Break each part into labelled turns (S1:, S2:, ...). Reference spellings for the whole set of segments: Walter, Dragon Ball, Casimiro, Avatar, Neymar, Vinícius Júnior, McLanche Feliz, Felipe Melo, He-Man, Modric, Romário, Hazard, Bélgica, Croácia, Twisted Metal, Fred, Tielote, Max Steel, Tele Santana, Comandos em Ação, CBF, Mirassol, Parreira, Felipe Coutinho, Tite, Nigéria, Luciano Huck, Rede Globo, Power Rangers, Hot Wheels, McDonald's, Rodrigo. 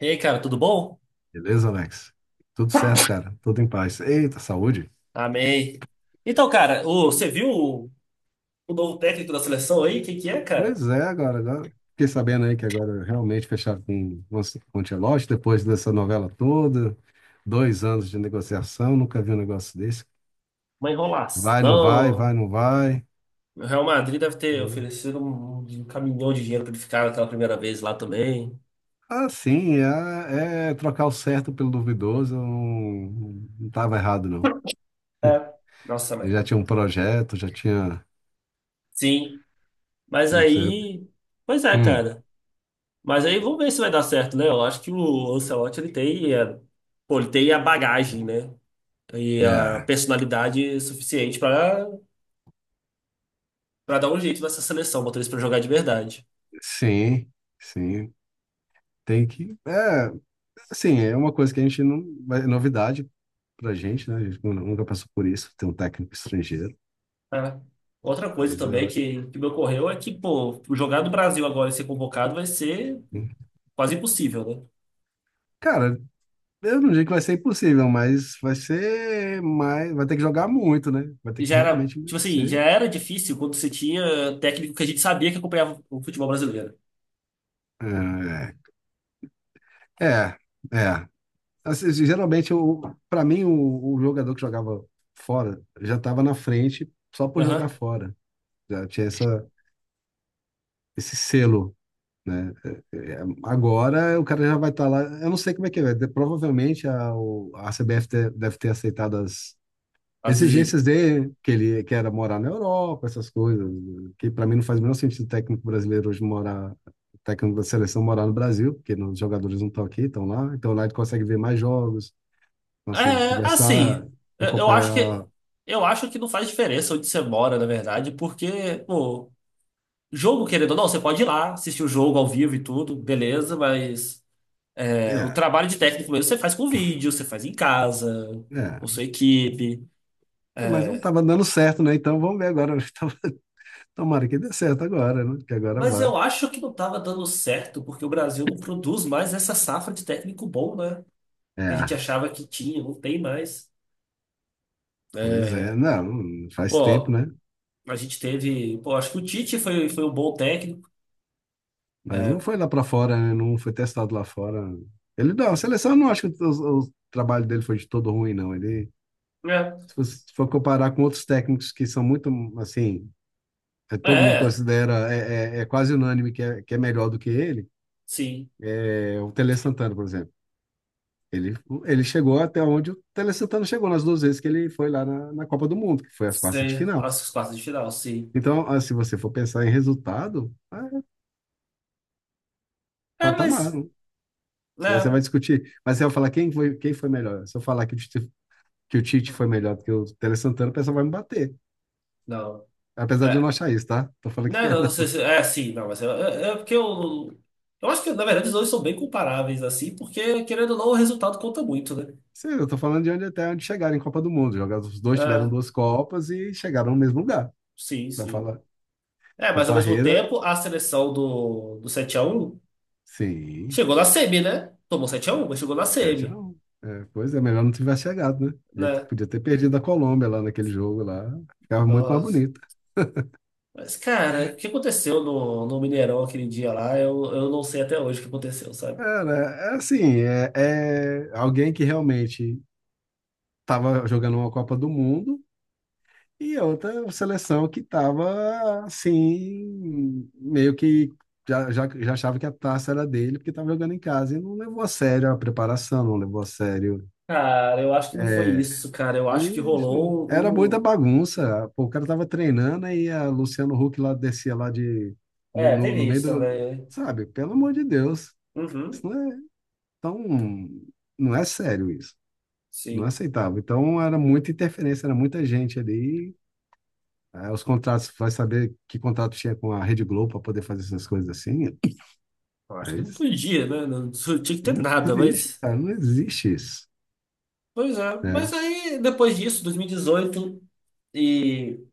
S1: E aí, cara, tudo bom?
S2: Beleza, Alex? Tudo certo, cara. Tudo em paz. Eita, saúde.
S1: Amei. Então, cara, você viu o novo técnico da seleção aí? Quem que é, cara?
S2: Pois é, agora, agora. Fiquei sabendo aí que agora realmente fecharam com o Tielote, depois dessa novela toda, 2 anos de negociação, nunca vi um negócio desse.
S1: Uma
S2: Vai, não vai, vai,
S1: enrolação.
S2: não vai.
S1: O Real Madrid deve ter oferecido um caminhão de dinheiro pra ele ficar aquela primeira vez lá também.
S2: Ah, sim, é trocar o certo pelo duvidoso, eu não, não tava errado, não.
S1: É. Nossa,
S2: Eu
S1: mãe.
S2: já tinha um projeto, já tinha.
S1: Sim. Mas
S2: Não precisa.
S1: aí. Pois é,
S2: Hum,
S1: cara. Mas aí vamos ver se vai dar certo, né? Eu acho que o Ancelotti ele tem, é, pô, ele tem a bagagem, né? E a
S2: é,
S1: personalidade suficiente pra para dar um jeito nessa seleção, botar eles pra jogar de verdade.
S2: sim, sim. Tem que. É, assim, é uma coisa que a gente não. É novidade pra gente, né? A gente nunca passou por isso, ter um técnico estrangeiro.
S1: É. Outra coisa
S2: Mas,
S1: também que me ocorreu é que, pô, jogar do Brasil agora e ser convocado vai ser
S2: hum,
S1: quase impossível, né?
S2: cara, eu não digo que vai ser impossível, mas vai ser mais. Vai ter que jogar muito, né? Vai ter
S1: E
S2: que
S1: já era,
S2: realmente
S1: tipo assim, já
S2: merecer.
S1: era difícil quando você tinha técnico que a gente sabia que acompanhava o futebol brasileiro.
S2: É, é. É. Assim, geralmente, pra mim, o jogador que jogava fora já estava na frente só por jogar
S1: Aham.
S2: fora. Já tinha esse selo, né? É, é. Agora o cara já vai estar lá. Eu não sei como é que é. Provavelmente a CBF deve ter aceitado as
S1: Às vezes.
S2: exigências dele, que ele que era morar na Europa, essas coisas, né? Que para mim não faz o menor sentido o técnico brasileiro hoje morar, o técnico da seleção morar no Brasil, porque os jogadores não estão aqui, estão lá. Então lá ele consegue ver mais jogos, consegue
S1: É,
S2: conversar,
S1: assim, eu eu acho que
S2: acompanhar.
S1: eu acho que não faz diferença onde você mora, na verdade, porque, pô, jogo, querendo ou não, você pode ir lá, assistir o jogo ao vivo e tudo, beleza, mas é, o
S2: É,
S1: trabalho de técnico mesmo você faz com vídeo, você faz em casa, com
S2: é.
S1: sua equipe.
S2: É, mas não estava dando certo, né? Então vamos ver agora. Tomara que dê certo agora, né? Que agora
S1: Mas
S2: vai.
S1: eu acho que não estava dando certo, porque o Brasil não produz mais essa safra de técnico bom, né? Que a gente
S2: É.
S1: achava que tinha, não tem mais.
S2: Pois
S1: É,
S2: é, não, faz tempo,
S1: pô,
S2: né?
S1: a gente teve. Pô, acho que o Tite foi um bom técnico.
S2: Mas não
S1: É,
S2: foi lá pra fora, né? Não foi testado lá fora. Ele não, a seleção eu não acho que o trabalho dele foi de todo ruim, não. Ele,
S1: é,
S2: se você for comparar com outros técnicos que são muito, assim, todo mundo
S1: é,
S2: considera, quase unânime que que é melhor do que ele,
S1: sim.
S2: é o Tele Santana, por exemplo. Ele, ele chegou até onde o Tele Santana chegou nas duas vezes que ele foi lá na Copa do Mundo, que foi as quartas de
S1: Sim.
S2: final.
S1: Nossa, os quartos de final, sim.
S2: Então, se você for pensar em resultado, é
S1: É,
S2: patamar.
S1: mas.
S2: Daí você
S1: Né?
S2: vai discutir. Mas você vai falar quem foi melhor, se eu falar que Tite, que o Tite foi melhor do que o Tele Santana, o pessoal vai me bater.
S1: Não.
S2: Apesar de eu não
S1: É.
S2: achar isso, tá? Tô falando que
S1: Não,
S2: é,
S1: não, não sei
S2: não.
S1: se. É, sim, não, mas é porque eu. Eu acho que, na verdade, os dois são bem comparáveis, assim, porque, querendo ou não, o resultado conta muito, né?
S2: Sim, eu tô falando de onde até onde chegaram em Copa do Mundo. Jogar, os dois tiveram
S1: É,
S2: duas Copas e chegaram no mesmo lugar.
S1: sim,
S2: Vai
S1: sim.
S2: falar,
S1: É,
S2: o
S1: mas ao mesmo
S2: Parreira,
S1: tempo, a seleção do 7-1
S2: sim,
S1: chegou na semi, né? Tomou 7-1, mas chegou na
S2: sete x
S1: semi,
S2: 1. É, pois é, melhor não tivesse chegado, né?
S1: né?
S2: Podia ter perdido a Colômbia lá naquele jogo lá. Ficava muito mais
S1: Nossa.
S2: bonito.
S1: Mas, cara, o que aconteceu no Mineirão aquele dia lá, eu não sei até hoje o que aconteceu, sabe?
S2: Cara, é assim, é alguém que realmente estava jogando uma Copa do Mundo. E outra seleção que estava assim, meio que já achava que a taça era dele, porque estava jogando em casa e não levou a sério a preparação, não levou a sério.
S1: Cara, eu acho que não foi
S2: É,
S1: isso, cara. Eu acho que rolou
S2: era muita
S1: um.
S2: bagunça. Pô, o cara estava treinando e a Luciano Huck lá descia lá de no,
S1: É,
S2: no,
S1: teve
S2: no meio
S1: isso
S2: do,
S1: também, né?
S2: sabe? Pelo amor de Deus, isso
S1: Uhum,
S2: não é tão, não é sério isso. Não
S1: sim.
S2: aceitava. Então era muita interferência, era muita gente ali. É, os contratos, vai saber que contrato tinha com a Rede Globo para poder fazer essas coisas assim?
S1: Eu acho
S2: É
S1: que não
S2: isso,
S1: podia, né? Não tinha que ter
S2: não
S1: nada,
S2: existe,
S1: mas.
S2: cara, não existe isso,
S1: Pois é. Mas
S2: né?
S1: aí, depois disso, 2018 e e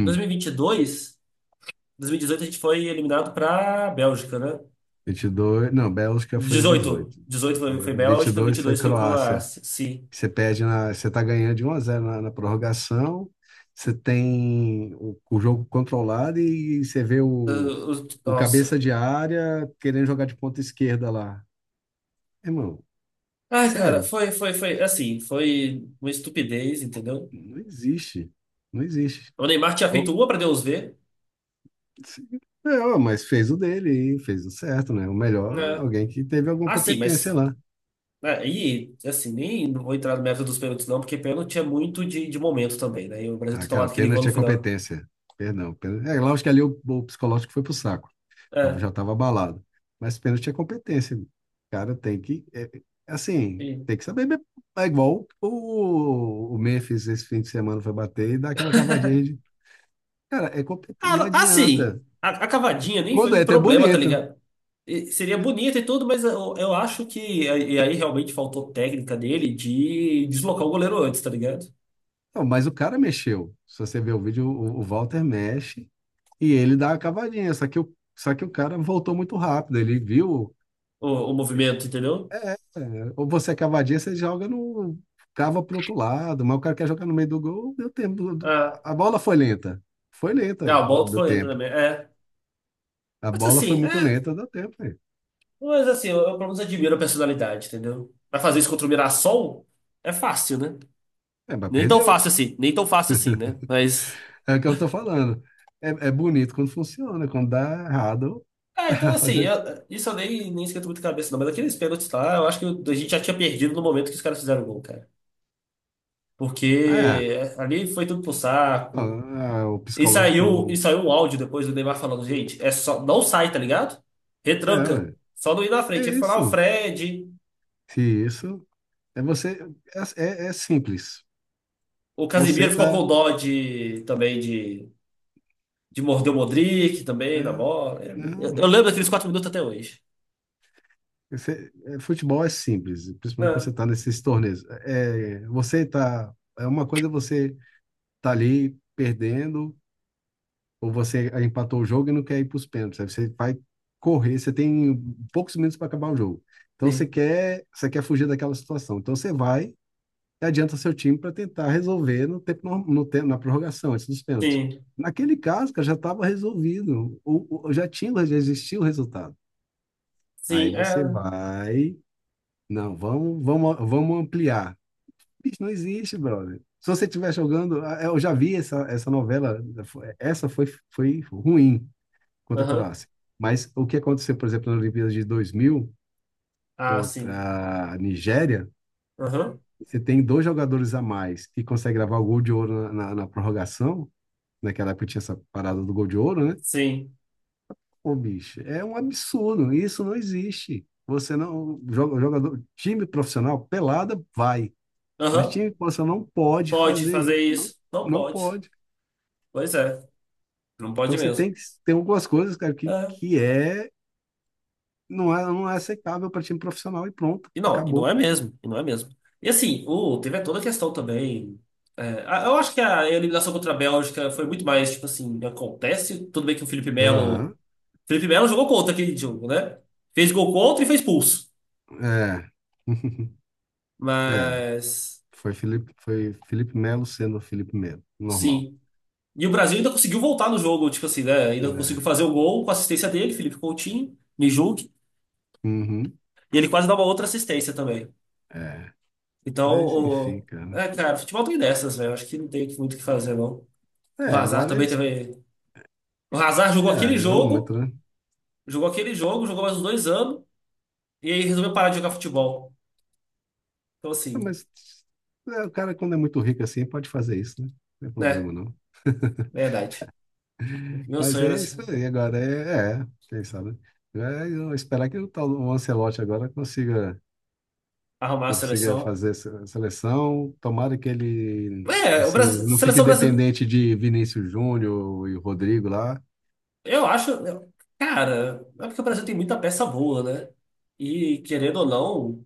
S1: e dois mil e vinte e dois. 2018 a gente foi eliminado para Bélgica, né?
S2: 22 não, Bélgica foi em
S1: 18.
S2: 18.
S1: 18 foi
S2: Vinte e
S1: Bélgica,
S2: dois foi
S1: 22 foi
S2: Croácia.
S1: Croácia. Sim.
S2: Que você perde você tá ganhando de 1 a 0 na prorrogação. Você tem o jogo controlado e você vê o, o cabeça
S1: Nossa.
S2: de área querendo jogar de ponta esquerda lá. Irmão,
S1: Ai, cara,
S2: sério,
S1: assim, foi uma estupidez, entendeu?
S2: não existe. Não existe.
S1: O Neymar tinha feito
S2: Ou,
S1: uma pra Deus ver,
S2: Não, mas fez o dele e fez o certo, né? O melhor,
S1: né?
S2: alguém que teve alguma
S1: Ah, sim,
S2: competência
S1: mas
S2: lá.
S1: aí, assim, nem não vou entrar no mérito dos pênaltis não, porque pênalti é muito de momento também, né? E o Brasil
S2: Ah,
S1: ter tomado
S2: cara,
S1: aquele gol
S2: pênalti
S1: no
S2: é
S1: final.
S2: competência. Perdão. É, lógico que ali o psicológico foi pro saco.
S1: É,
S2: Já estava abalado. Mas pênalti é competência. O cara tem que, é assim,
S1: sim.
S2: tem que saber mesmo. É igual o Memphis esse fim de semana foi bater e dar aquela cavadinha de. Cara, é competência,
S1: Ah,
S2: não adianta.
S1: sim. A cavadinha nem foi
S2: Quando é,
S1: um
S2: é até
S1: problema, tá
S2: bonito.
S1: ligado? E seria bonito e tudo, mas eu acho que. E aí realmente faltou técnica dele de deslocar o goleiro antes, tá ligado?
S2: Não, mas o cara mexeu. Se você ver o vídeo, o Walter mexe. E ele dá a cavadinha, só só que o cara voltou muito rápido. Ele viu.
S1: O movimento, entendeu?
S2: É, ou você é cavadinha, você joga no. Cava pro outro lado, mas o cara quer jogar no meio do gol, deu tempo. do- do-
S1: Ah,
S2: a bola foi lenta. Foi lenta,
S1: ah, o Bolton
S2: deu
S1: foi entrando na
S2: tempo.
S1: minha. É.
S2: A
S1: Mas
S2: bola foi
S1: assim,
S2: muito
S1: é.
S2: lenta, deu tempo aí.
S1: Mas assim, eu pelo menos admiro a personalidade, entendeu? Pra fazer isso contra o Mirassol é fácil, né?
S2: É, mas
S1: Nem tão
S2: perdeu.
S1: fácil assim, nem tão fácil assim, né? Mas.
S2: É o que eu tô falando. É bonito quando funciona, quando dá errado,
S1: Ah, então
S2: vai
S1: assim,
S2: fazer o quê?
S1: isso eu nem esquento muito a cabeça, não. Mas aqueles pênaltis lá, eu acho que a gente já tinha perdido no momento que os caras fizeram o gol, cara.
S2: Ah,
S1: Porque
S2: é.
S1: é, ali foi tudo pro saco.
S2: Ah, o
S1: E saiu, e
S2: psicológico.
S1: saiu um áudio depois do Neymar falando, gente, é só, não sai, tá ligado?
S2: É,
S1: Retranca.
S2: ué,
S1: Só não ir na
S2: é
S1: frente. Ele falou, ah, o
S2: isso.
S1: Fred,
S2: Se isso. É você. É simples.
S1: o Casimiro
S2: Você
S1: ficou
S2: tá.
S1: com dó de, também de morder o Modric também na
S2: É,
S1: bola. É, Eu
S2: não.
S1: lembro daqueles 4 minutos até hoje.
S2: Futebol é simples, principalmente quando
S1: É,
S2: você tá nesses torneios. É, você tá. É uma coisa você tá ali perdendo, ou você empatou o jogo e não quer ir para os pênaltis. Aí você vai correr, você tem poucos minutos para acabar o jogo. Então você
S1: sim,
S2: quer, você quer fugir daquela situação. Então você vai e adianta seu time para tentar resolver no tempo, na prorrogação, antes dos pênaltis.
S1: sim,
S2: Naquele caso, cara, já estava resolvido. Já tinha, já existia o resultado. Aí
S1: sim, é.
S2: você vai. Não, vamos, vamos, vamos ampliar. Bicho, não existe, brother. Se você estiver jogando, eu já vi essa novela, essa foi ruim contra a
S1: Aham.
S2: Croácia. Mas o que aconteceu, por exemplo, na Olimpíada de 2000
S1: Ah, sim.
S2: contra a Nigéria,
S1: Aham.
S2: você tem dois jogadores a mais que consegue gravar o gol de ouro na prorrogação, naquela época tinha essa parada do gol de ouro, né?
S1: Sim.
S2: Ô, bicho, é um absurdo. Isso não existe. Você não. Jogador, time profissional, pelada, vai. Mas
S1: Aham.
S2: time profissional não pode
S1: Pode
S2: fazer
S1: fazer
S2: isso. Não,
S1: isso. Não
S2: não
S1: pode.
S2: pode.
S1: Pois é, não pode
S2: Então você tem
S1: mesmo.
S2: que. Tem algumas coisas, cara, que,
S1: É.
S2: que é. Não é, não é aceitável para time profissional e pronto,
S1: E não
S2: acabou.
S1: é mesmo, e não é mesmo. E assim, teve toda a questão também. Eu acho que a eliminação contra a Bélgica foi muito mais, tipo assim, acontece. Tudo bem que o Felipe Melo.
S2: Aham,
S1: Felipe Melo jogou contra aquele jogo, né? Fez gol contra e fez pulso.
S2: é. É.
S1: Mas.
S2: Foi Felipe Melo sendo Felipe Melo. Normal.
S1: Sim. E o Brasil ainda conseguiu voltar no jogo, tipo assim, né? Ainda conseguiu
S2: É.
S1: fazer o gol com a assistência dele, Felipe Coutinho, me julgue.
S2: Uhum,
S1: E ele quase dá uma outra assistência também.
S2: é.
S1: Então,
S2: Mas enfim, cara.
S1: cara, futebol tem dessas, velho. Acho que não tem muito o que fazer, não.
S2: É,
S1: O Hazard também teve. O Hazard jogou aquele
S2: joga muito,
S1: jogo,
S2: né?
S1: jogou mais uns dois anos, e aí resolveu parar de jogar futebol. Então,
S2: Ah,
S1: assim,
S2: mas o cara, quando é muito rico assim, pode fazer isso, né? Não tem problema,
S1: né?
S2: não.
S1: Verdade. Meu
S2: Mas
S1: sonho era
S2: é isso aí, agora quem sabe? É, eu esperar que o tal o Ancelotti agora consiga,
S1: arrumar a
S2: consiga
S1: seleção.
S2: fazer essa seleção. Tomara que ele,
S1: É, o
S2: assim,
S1: Brasil,
S2: não fique
S1: seleção brasileira.
S2: dependente de Vinícius Júnior e Rodrigo lá.
S1: Eu acho. Cara, é porque o Brasil tem muita peça boa, né? E, querendo ou não,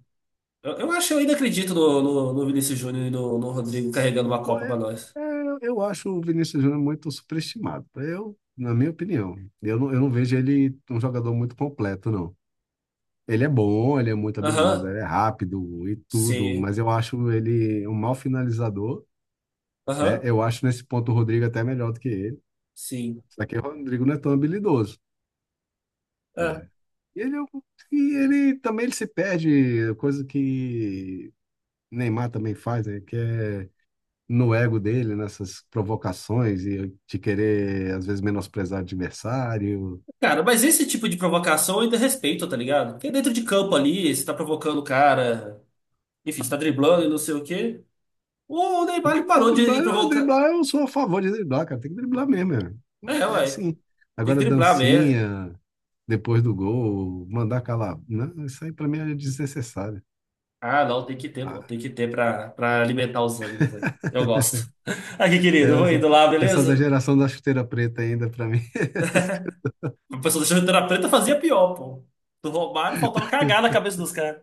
S1: eu acho, eu ainda acredito no Vinícius Júnior e no Rodrigo carregando uma
S2: Eu,
S1: Copa
S2: é,
S1: pra nós.
S2: eu acho o Vinícius Júnior muito superestimado, eu, na minha opinião. Eu não vejo ele um jogador muito completo, não. Ele é bom, ele é muito habilidoso,
S1: Aham,
S2: ele é rápido e tudo,
S1: sim.
S2: mas eu acho ele um mau finalizador, né?
S1: Aham,
S2: Eu acho nesse ponto o Rodrigo até melhor do que ele.
S1: sim.
S2: Só que o Rodrigo não é tão habilidoso, né?
S1: É,
S2: E ele, é um- e ele também ele se perde, coisa que Neymar também faz, né? Que é no ego dele, nessas provocações e de querer, às vezes, menosprezar o adversário.
S1: cara, mas esse tipo de provocação eu ainda respeito, tá ligado? Porque dentro de campo ali, você tá provocando o cara, enfim, você tá driblando e não sei o quê. O Neymar ele
S2: Ah,
S1: parou
S2: driblar,
S1: de
S2: ah,
S1: provocar.
S2: driblar, eu sou a favor de driblar, cara. Tem que driblar mesmo. Meu.
S1: É,
S2: É
S1: ué,
S2: assim.
S1: tem que
S2: Agora,
S1: driblar mesmo.
S2: dancinha, depois do gol, mandar calar. Não, isso aí pra mim é desnecessário.
S1: Ah, não, tem que ter, pô, tem que
S2: Ah,
S1: ter pra alimentar os ânimos aí. Eu gosto. Aqui, querido, eu vou
S2: essa,
S1: indo lá,
S2: essa da
S1: beleza?
S2: geração da chuteira preta ainda, pra mim, essas coisas.
S1: A pessoa da chuteira preta fazia pior, pô. Do Romário faltava cagar na cabeça dos caras.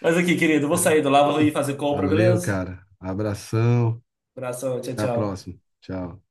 S1: Mas aqui, querido, eu vou saindo lá, vou ir
S2: Hum.
S1: fazer compra,
S2: Valeu,
S1: beleza?
S2: cara. Abração.
S1: Abração, tchau,
S2: Até a
S1: tchau.
S2: próxima. Tchau.